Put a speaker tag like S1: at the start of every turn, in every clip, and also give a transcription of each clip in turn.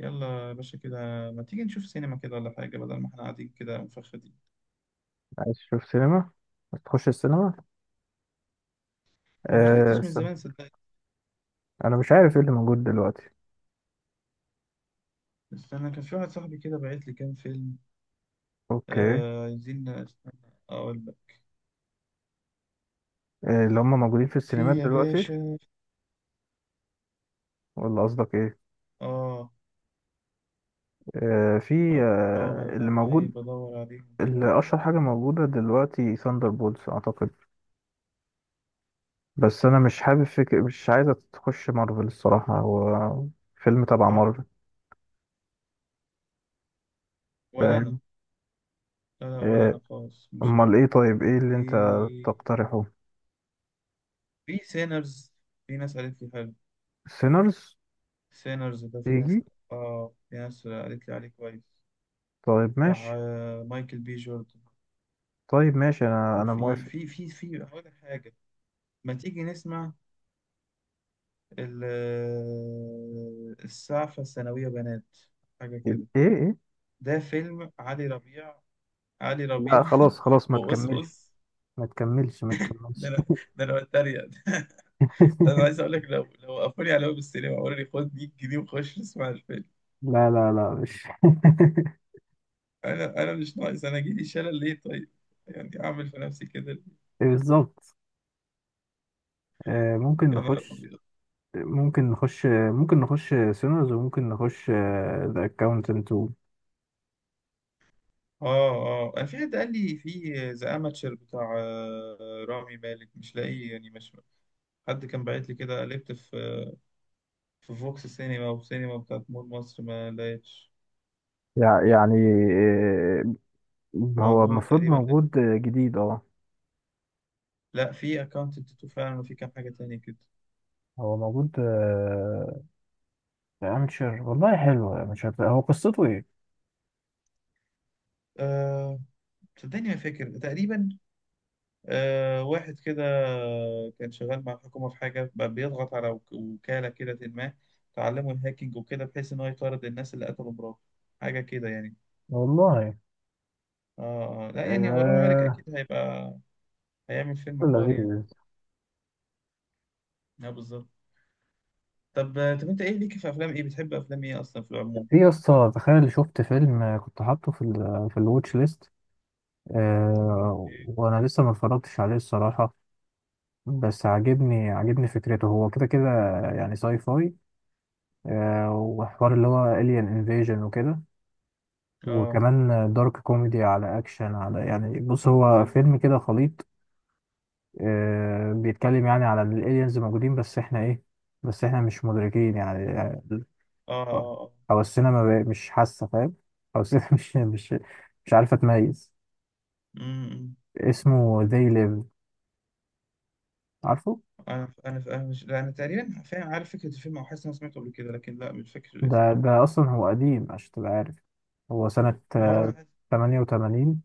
S1: يلا يا باشا كده. ما تيجي نشوف سينما كده ولا حاجة بدل ما احنا قاعدين كده مفخدين؟
S2: عايز تشوف سينما؟ عايز تخش السينما؟
S1: ما
S2: آه،
S1: دخلتش من
S2: استنى.
S1: زمان صدقني.
S2: انا مش عارف ايه اللي موجود دلوقتي.
S1: بس أنا كان في واحد صاحبي كده بعت لي كام فيلم.
S2: اوكي.
S1: آه عايزين، استنى أقول لك.
S2: آه، اللي هم موجودين في السينمات
S1: في يا
S2: دلوقتي
S1: باشا.
S2: ولا قصدك ايه؟
S1: آه
S2: آه، في
S1: آه آه، ما
S2: اللي
S1: أنا
S2: موجود.
S1: عيب بدور عليهم كده.
S2: اللي اشهر حاجه موجوده دلوقتي ثاندر بولز اعتقد، بس انا مش حابب فكر، مش عايزه تخش مارفل الصراحه، هو فيلم تبع
S1: آه
S2: مارفل،
S1: ولا أنا.
S2: فاهم؟
S1: لا لا، ولا
S2: آه.
S1: أنا خالص مش
S2: امال
S1: حابب.
S2: ايه؟ طيب ايه
S1: في
S2: اللي انت تقترحه؟
S1: في سينرز. في ناس قالت لي حلو.
S2: سينرز؟
S1: سينرز ده في ناس.
S2: تيجي.
S1: آه في ناس قالت لي عليه كويس.
S2: طيب
S1: بتاع
S2: ماشي.
S1: مايكل بي جوردن.
S2: طيب ماشي، انا
S1: وفي
S2: موافق.
S1: في في في هقول لك حاجة. ما تيجي نسمع ال- السعفة الثانوية بنات، حاجة
S2: ايه
S1: كده.
S2: ايه؟
S1: ده فيلم علي ربيع، علي ربيع
S2: لا خلاص خلاص، ما تكملش
S1: وقصقص.
S2: ما تكملش ما
S1: ده
S2: تكملش.
S1: انا، ده انا بتريق ده انا عايز اقول لك، لو وقفوني على باب السينما وقالوا لي خد 100 جنيه وخش اسمع الفيلم،
S2: لا لا لا مش.
S1: انا مش ناقص. انا جيلي شلل ليه طيب؟ يعني اعمل في نفسي كده ليه؟
S2: بالظبط. آه، ممكن
S1: يا نهار
S2: نخش
S1: ابيض.
S2: ممكن نخش سينرز وممكن نخش ذا اكاونتنت.
S1: اه اه، أنا في حد قال لي في ذا اماتشر بتاع رامي مالك، مش لاقيه يعني، مش حد كان باعت لي كده. قلبت في في فوكس سينما وسينما بتاعت مول مصر، ما لقيتش
S2: يعني آه، هو
S1: موجود
S2: المفروض
S1: تقريبا ده.
S2: موجود جديد، اه.
S1: لا في اكونت التاتو فعلا، وفي كام حاجة تانية كده.
S2: هو موجود في امشر، والله حلو امشر، هو قصته ايه؟
S1: أه صدقني ما فاكر تقريبا. واحد كده كان شغال مع الحكومة في حاجة، بقى بيضغط على وكالة كده، ما تعلموا الهاكينج وكده، بحيث إن هو يطارد الناس اللي قتلوا مراته، حاجة كده يعني.
S2: والله.
S1: اه لا يعني هو رامي مالك
S2: آه،
S1: أكيد هيبقى، هيعمل فيلم حوار يعني.
S2: لذيذ.
S1: اه بالظبط. طب طب انت ايه ليك في افلام، ايه بتحب افلام ايه اصلا في
S2: في
S1: العموم؟
S2: يا اسطى، تخيل شفت فيلم كنت حاطه في ال في الواتش ليست،
S1: اوكي.
S2: وانا لسه ما اتفرجتش عليه الصراحه، بس عاجبني عاجبني فكرته، هو كده كده يعني ساي فاي، وحوار اللي هو alien invasion وكده،
S1: اه
S2: وكمان دارك كوميدي على اكشن، على يعني بص هو
S1: اه
S2: فيلم كده خليط. بيتكلم يعني على ان الالينز موجودين بس احنا ايه، بس احنا مش مدركين يعني.
S1: اه، آه.
S2: حواسنا ما بقى- مش حاسه، فاهم؟ حواسنا مش عارفه تميز.
S1: أمم. امم.
S2: اسمه They Live، عارفه؟
S1: انا مش، لا انا تقريبا فاهم، عارف فكره الفيلم، او حاسس إن انا سمعته قبل كده، لكن لا مش فاكر الاسم.
S2: ده أصلا هو قديم عشان تبقى عارف، هو سنة
S1: ما هو انا.
S2: تمانية وتمانين.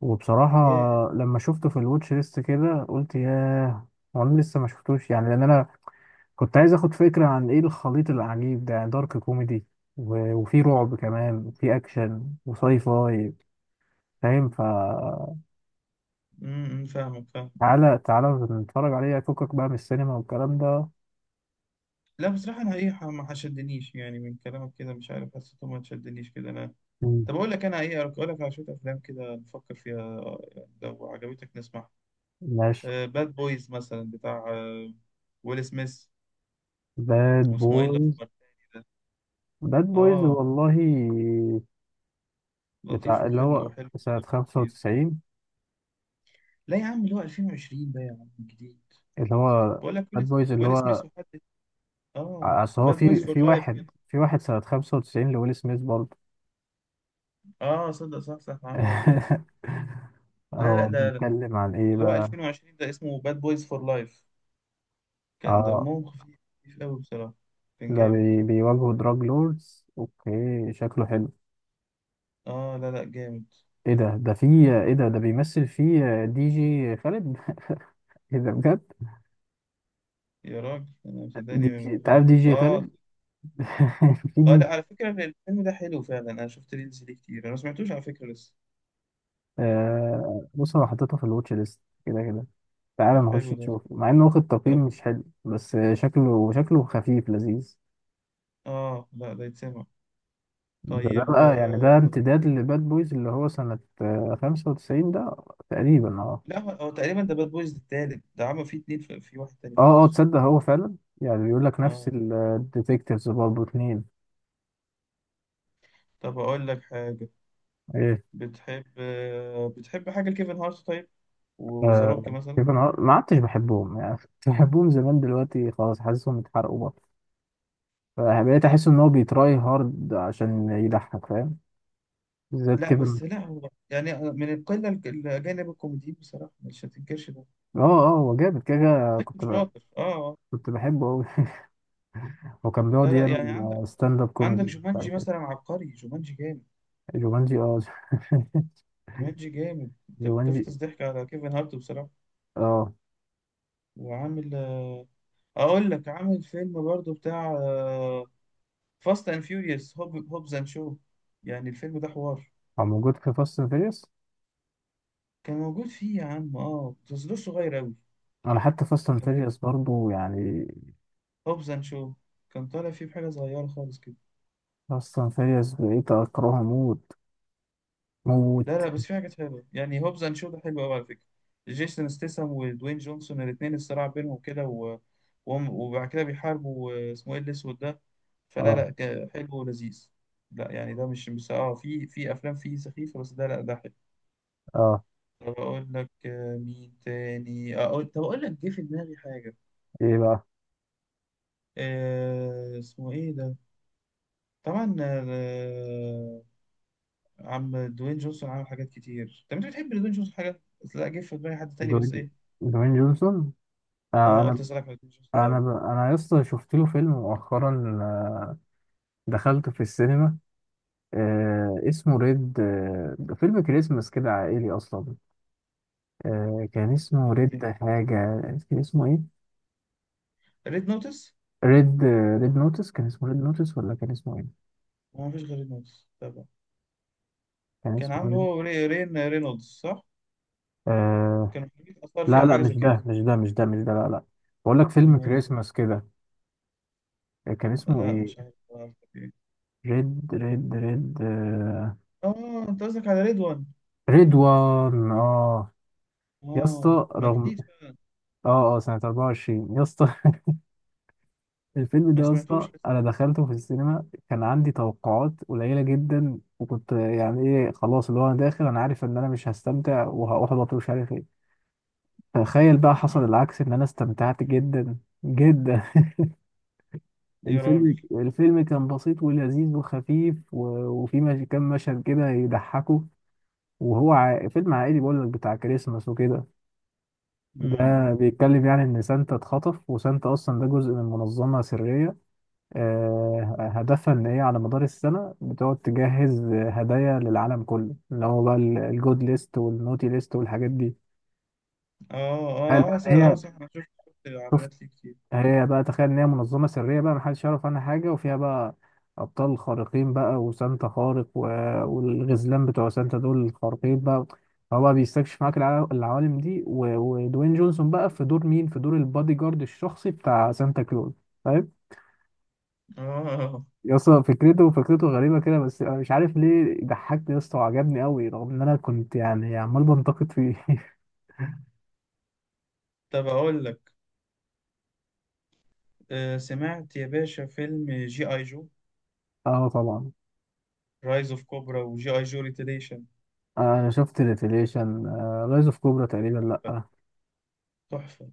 S2: وبصراحة
S1: ياه.
S2: لما شفته في الواتش ليست كده قلت ياه، هو أنا لسه ما شفتوش يعني، لأن أنا كنت عايز أخد فكرة عن إيه الخليط العجيب ده، يعني دارك كوميدي وفي رعب كمان وفي أكشن وساي فاي، فاهم؟ فتعالى
S1: فاهمك، فاهم.
S2: تعالى نتفرج عليه، فكك بقى من السينما والكلام ده.
S1: لا بصراحه انا ايه ما شدنيش، يعني من كلامك كده مش عارف حسيته ما شدنيش كده انا.
S2: مم.
S1: طب اقول لك انا ايه، اقول لك على شويه افلام كده نفكر فيها، يعني لو عجبتك نسمعها.
S2: ماشي.
S1: باد بويز مثلا، بتاع ويل سميث.
S2: باد
S1: واسمه ايه
S2: بويز.
S1: الاسمر التاني ده؟
S2: باد بويز،
S1: اه
S2: والله،
S1: لطيف
S2: بتاع اللي
S1: وخل
S2: هو
S1: وحلو.
S2: سنة 95.
S1: لا يا عم، اللي هو 2020 ده يا عم، جديد.
S2: اللي هو
S1: بقول لك
S2: باد
S1: ويل،
S2: بويز اللي
S1: ويل
S2: هو
S1: سميث وحد. اه،
S2: اصل هو
S1: باد بويز
S2: في
S1: فور
S2: في
S1: لايف كده.
S2: واحد، في واحد سنة 95 لويل سميث برضه.
S1: اه صدق، صح صح عم، هو صغير. لا لا،
S2: هو
S1: ده
S2: بيتكلم عن ايه
S1: اللي هو
S2: بقى؟
S1: 2020 ده، اسمه باد بويز فور لايف. كان
S2: اه،
S1: دمهم خفيف خفيف قوي بصراحة. كان
S2: ده
S1: جامد.
S2: بيواجهوا دراج لوردز. اوكي، شكله حلو.
S1: اه لا لا جامد.
S2: ايه ده؟ ده في ايه ده؟ ده بيمثل فيه دي جي خالد؟ ايه ده بجد؟
S1: يا راجل انا
S2: دي
S1: صدقني
S2: جي،
S1: ما
S2: انت
S1: ما
S2: عارف دي
S1: سمعت
S2: جي
S1: اه.
S2: خالد؟ في
S1: اه
S2: دي.
S1: لا، على فكرة الفيلم ده حلو فعلا، انا شفت ريلز ليه كتير، انا ما سمعتوش على فكرة لسه.
S2: بص، انا حطيتها في الواتش ليست كده كده، تعالى
S1: طب
S2: نخش
S1: حلو ده.
S2: نشوف، مع انه واخد تقييم
S1: طب
S2: مش حلو، بس شكله شكله خفيف لذيذ.
S1: اه لا، ده يتسمع.
S2: ده
S1: طيب.
S2: بقى يعني ده امتداد لباد بويز اللي هو سنة خمسة وتسعين ده، تقريبا اه.
S1: لا هو تقريبا ده باد بويز التالت، ده عمل فيه اتنين، في واحد تاني في
S2: اه
S1: النص.
S2: تصدق هو فعلا، يعني بيقول لك نفس
S1: اه.
S2: الديتكتيفز برضه اتنين.
S1: طب اقول لك حاجة.
S2: ايه؟
S1: بتحب حاجة لكيفن هارت طيب، وذا
S2: آه،
S1: روك مثلا.
S2: كيفن هارت ما عدتش بحبهم يعني. كنت بحبهم زمان، دلوقتي خلاص حاسسهم اتحرقوا بقى، فبقيت احس ان هو بيتراي هارد عشان يضحك، فاهم؟ بالذات
S1: لا
S2: كيفن.
S1: بس لا، هو يعني أنا من القلة الأجانب الكوميديين بصراحة مش هتنكرش ده.
S2: اه اه، هو جامد كده كده.
S1: لكن شاطر اه آه.
S2: كنت بحبه قوي، هو كان بيقعد
S1: لا لا يعني،
S2: يعمل
S1: عندك
S2: ستاند اب
S1: عندك
S2: كوميدي مش
S1: جومانجي
S2: عارف
S1: مثلا،
S2: ايه.
S1: عبقري، جومانجي جامد.
S2: جومانجي، اه.
S1: جومانجي جامد، انت
S2: جومانجي،
S1: بتفطس ضحك على كيفن هارت بصراحة.
S2: اه.
S1: وعامل اقول لك، عامل فيلم برضو بتاع فاست اند فيوريوس، هوبز اند شو. يعني الفيلم ده حوار.
S2: هو موجود في فاست اند فيريوس.
S1: كان موجود فيه يا عم اه، بس ده صغير أوي.
S2: انا حتى فاست اند
S1: كان
S2: فيريوس برضه يعني،
S1: هوبز اند شو، كان طالع فيه بحاجة صغيرة خالص كده.
S2: فاست اند فيريوس بقيت اكرهه موت
S1: لا
S2: موت.
S1: لا بس في حاجات حلوة، يعني هوبز اند شو ده حلو أوي على فكرة. جيسون ستيسم ودوين جونسون الاتنين، الصراع بينهم كده، و... وبعد كده بيحاربوا اسمه ايه الأسود ده؟ فلا
S2: اه
S1: لا حلو ولذيذ. لا يعني ده مش بس اه، في أفلام فيه سخيفة، بس ده لا ده حلو.
S2: اه.
S1: طب أقول لك مين تاني، أقول لك جه في دماغي حاجة.
S2: ايه بقى؟
S1: آه اسمه ايه ده؟ طبعا عم دوين جونسون عمل حاجات كتير. طب انت بتحب دوين جونسون حاجه؟ بس لا، جه في دماغي حد تاني بس
S2: دوين
S1: ايه.
S2: دوين جونسون. آه،
S1: اه قلت اسالك على دوين جونسون الاول.
S2: انا لسه شفت له فيلم مؤخرا، دخلته في السينما، اسمه ريد، فيلم كريسمس كده عائلي اصلا. كان اسمه
S1: ريد
S2: ريد
S1: إيه؟
S2: حاجة، كان اسمه إيه؟
S1: ريد نوتس.
S2: ريد. ريد نوتس، كان اسمه ريد نوتس ولا كان اسمه ايه؟
S1: ما فيش غير ريد نوتس طبعا.
S2: كان
S1: كان
S2: اسمه
S1: عامله
S2: ريد
S1: هو رين رينولدز صح؟
S2: آه...
S1: كانوا حاجات اثار فيه
S2: لا
S1: او
S2: لا
S1: حاجه زي
S2: مش
S1: كده.
S2: ده مش ده مش ده مش ده، لا لا، بقول لك فيلم
S1: امال ايه؟
S2: كريسماس كده. كان اسمه
S1: لا
S2: ايه؟
S1: مش عارف إيه.
S2: ريد
S1: اه انت قصدك على ريد وان.
S2: ريد وان، اه. يا
S1: اه،
S2: اسطى،
S1: ما
S2: رغم،
S1: جديد فعلا.
S2: اه اه، سنة 24 يا اسطى. الفيلم
S1: ما
S2: ده يا اسطى
S1: سمعتوش لسه.
S2: انا دخلته في السينما، كان عندي توقعات قليلة جدا، وكنت يعني ايه خلاص، اللي هو انا داخل انا عارف ان انا مش هستمتع وهحبط ومش عارف ايه. تخيل بقى حصل
S1: مم.
S2: العكس، ان انا استمتعت جدا جدا.
S1: يا راجل.
S2: الفيلم كان بسيط ولذيذ وخفيف وفي مش... كام مشهد كده يضحكوا، وهو فيلم عائلي بقول لك بتاع كريسماس وكده، ده
S1: مم.
S2: بيتكلم يعني ان سانتا اتخطف، وسانتا اصلا ده جزء من منظمة سرية، هدفها ان هي على مدار السنة بتقعد تجهز هدايا للعالم كله، اللي هو بقى الجود ليست والنوتي ليست والحاجات دي.
S1: اه
S2: تخيل
S1: اه اه
S2: بقى ان
S1: صح،
S2: هي،
S1: صح، انا شفت
S2: شوف،
S1: اعلانات ليه كتير.
S2: هي بقى، تخيل ان هي منظمه سريه بقى، محدش يعرف عنها حاجه، وفيها بقى ابطال خارقين بقى، وسانتا خارق والغزلان بتوع سانتا دول الخارقين بقى. هو بقى بيستكشف معاك العوالم دي ودوين جونسون بقى في دور مين، في دور البادي جارد الشخصي بتاع سانتا كلوز، فاهم؟
S1: اه اه، اه.
S2: يا اسطى فكرته، فكرته غريبه كده، بس انا مش عارف ليه ضحكني يا اسطى وعجبني قوي، رغم ان انا كنت يعني عمال بنتقد فيه.
S1: طب اقول لك. سمعت يا باشا فيلم جي اي جو
S2: اه، طبعا.
S1: رايز اوف كوبرا وجي اي جو ريتيليشن؟
S2: آه، انا شفت ريفيليشن. رايز اوف كوبرا تقريبا لا.
S1: تحفة.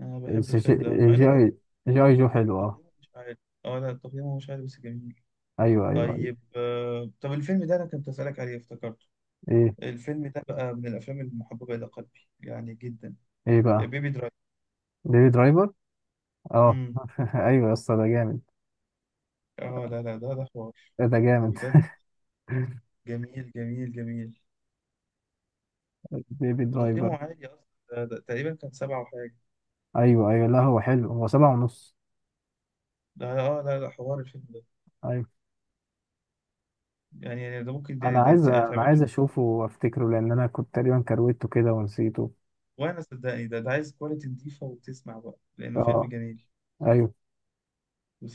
S1: انا بحب
S2: بس
S1: الفيلم ده أوي، مع انه
S2: جي جي اي جو حلو، اه.
S1: تقييمه مش عالي. اه لا تقييمه مش عالي بس جميل.
S2: ايوه ايوه ايوه.
S1: طيب. آه طب الفيلم ده انا كنت اسالك عليه، افتكرته.
S2: ايه؟
S1: الفيلم ده بقى من الافلام المحببة الى قلبي يعني جدا.
S2: ايه بقى؟
S1: بيبي درايف.
S2: بيبي درايفر. اه.
S1: امم.
S2: ايوه يا اسطى، ده جامد.
S1: اه لا لا، ده حوار
S2: ده جامد.
S1: بجد. جميل جميل جميل.
S2: بيبي درايفر.
S1: وتقييمه عالي اصلا، ده تقريبا كان سبعة وحاجة.
S2: ايوه ايوه، لا هو حلو، هو سبعة ونص.
S1: ده اه لا لا، حوار الفيلم ده،
S2: ايوه.
S1: يعني، ده ممكن ده, ده
S2: انا
S1: يتعمل له.
S2: عايز اشوفه وافتكره، لان انا كنت تقريبا كرويته كده ونسيته.
S1: وانا صدقني ده عايز كواليتي نضيفة وتسمع، بقى لانه فيلم
S2: اه.
S1: جميل
S2: ايوه.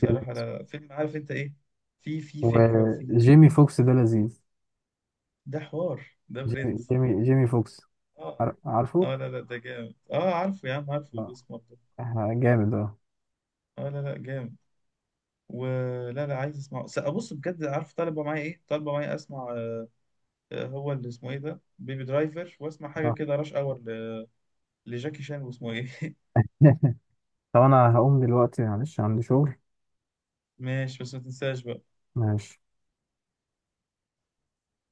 S2: كده.
S1: لا لا فيلم، عارف انت ايه، في فكرة وفي،
S2: وجيمي فوكس ده لذيذ.
S1: ده حوار، ده برنس.
S2: جيمي فوكس،
S1: اه
S2: عار- عارفه؟
S1: اه لا لا ده جامد، اه عارفه يا عم، عارفه
S2: لا.
S1: الاسمر ده.
S2: آه، جامد، اه.
S1: اه لا لا جامد. ولا لا عايز اسمعه. ابص بجد، عارف طالبه معايا ايه؟ طالبه معايا اسمع هو اللي اسمه ايه ده، بيبي درايفر، واسمع حاجه
S2: آه.
S1: كده راش اور لجاكي شان، واسمه ايه.
S2: طب انا هقوم دلوقتي، معلش عندي شغل.
S1: ماشي بس ما تنساش بقى.
S2: ماشي.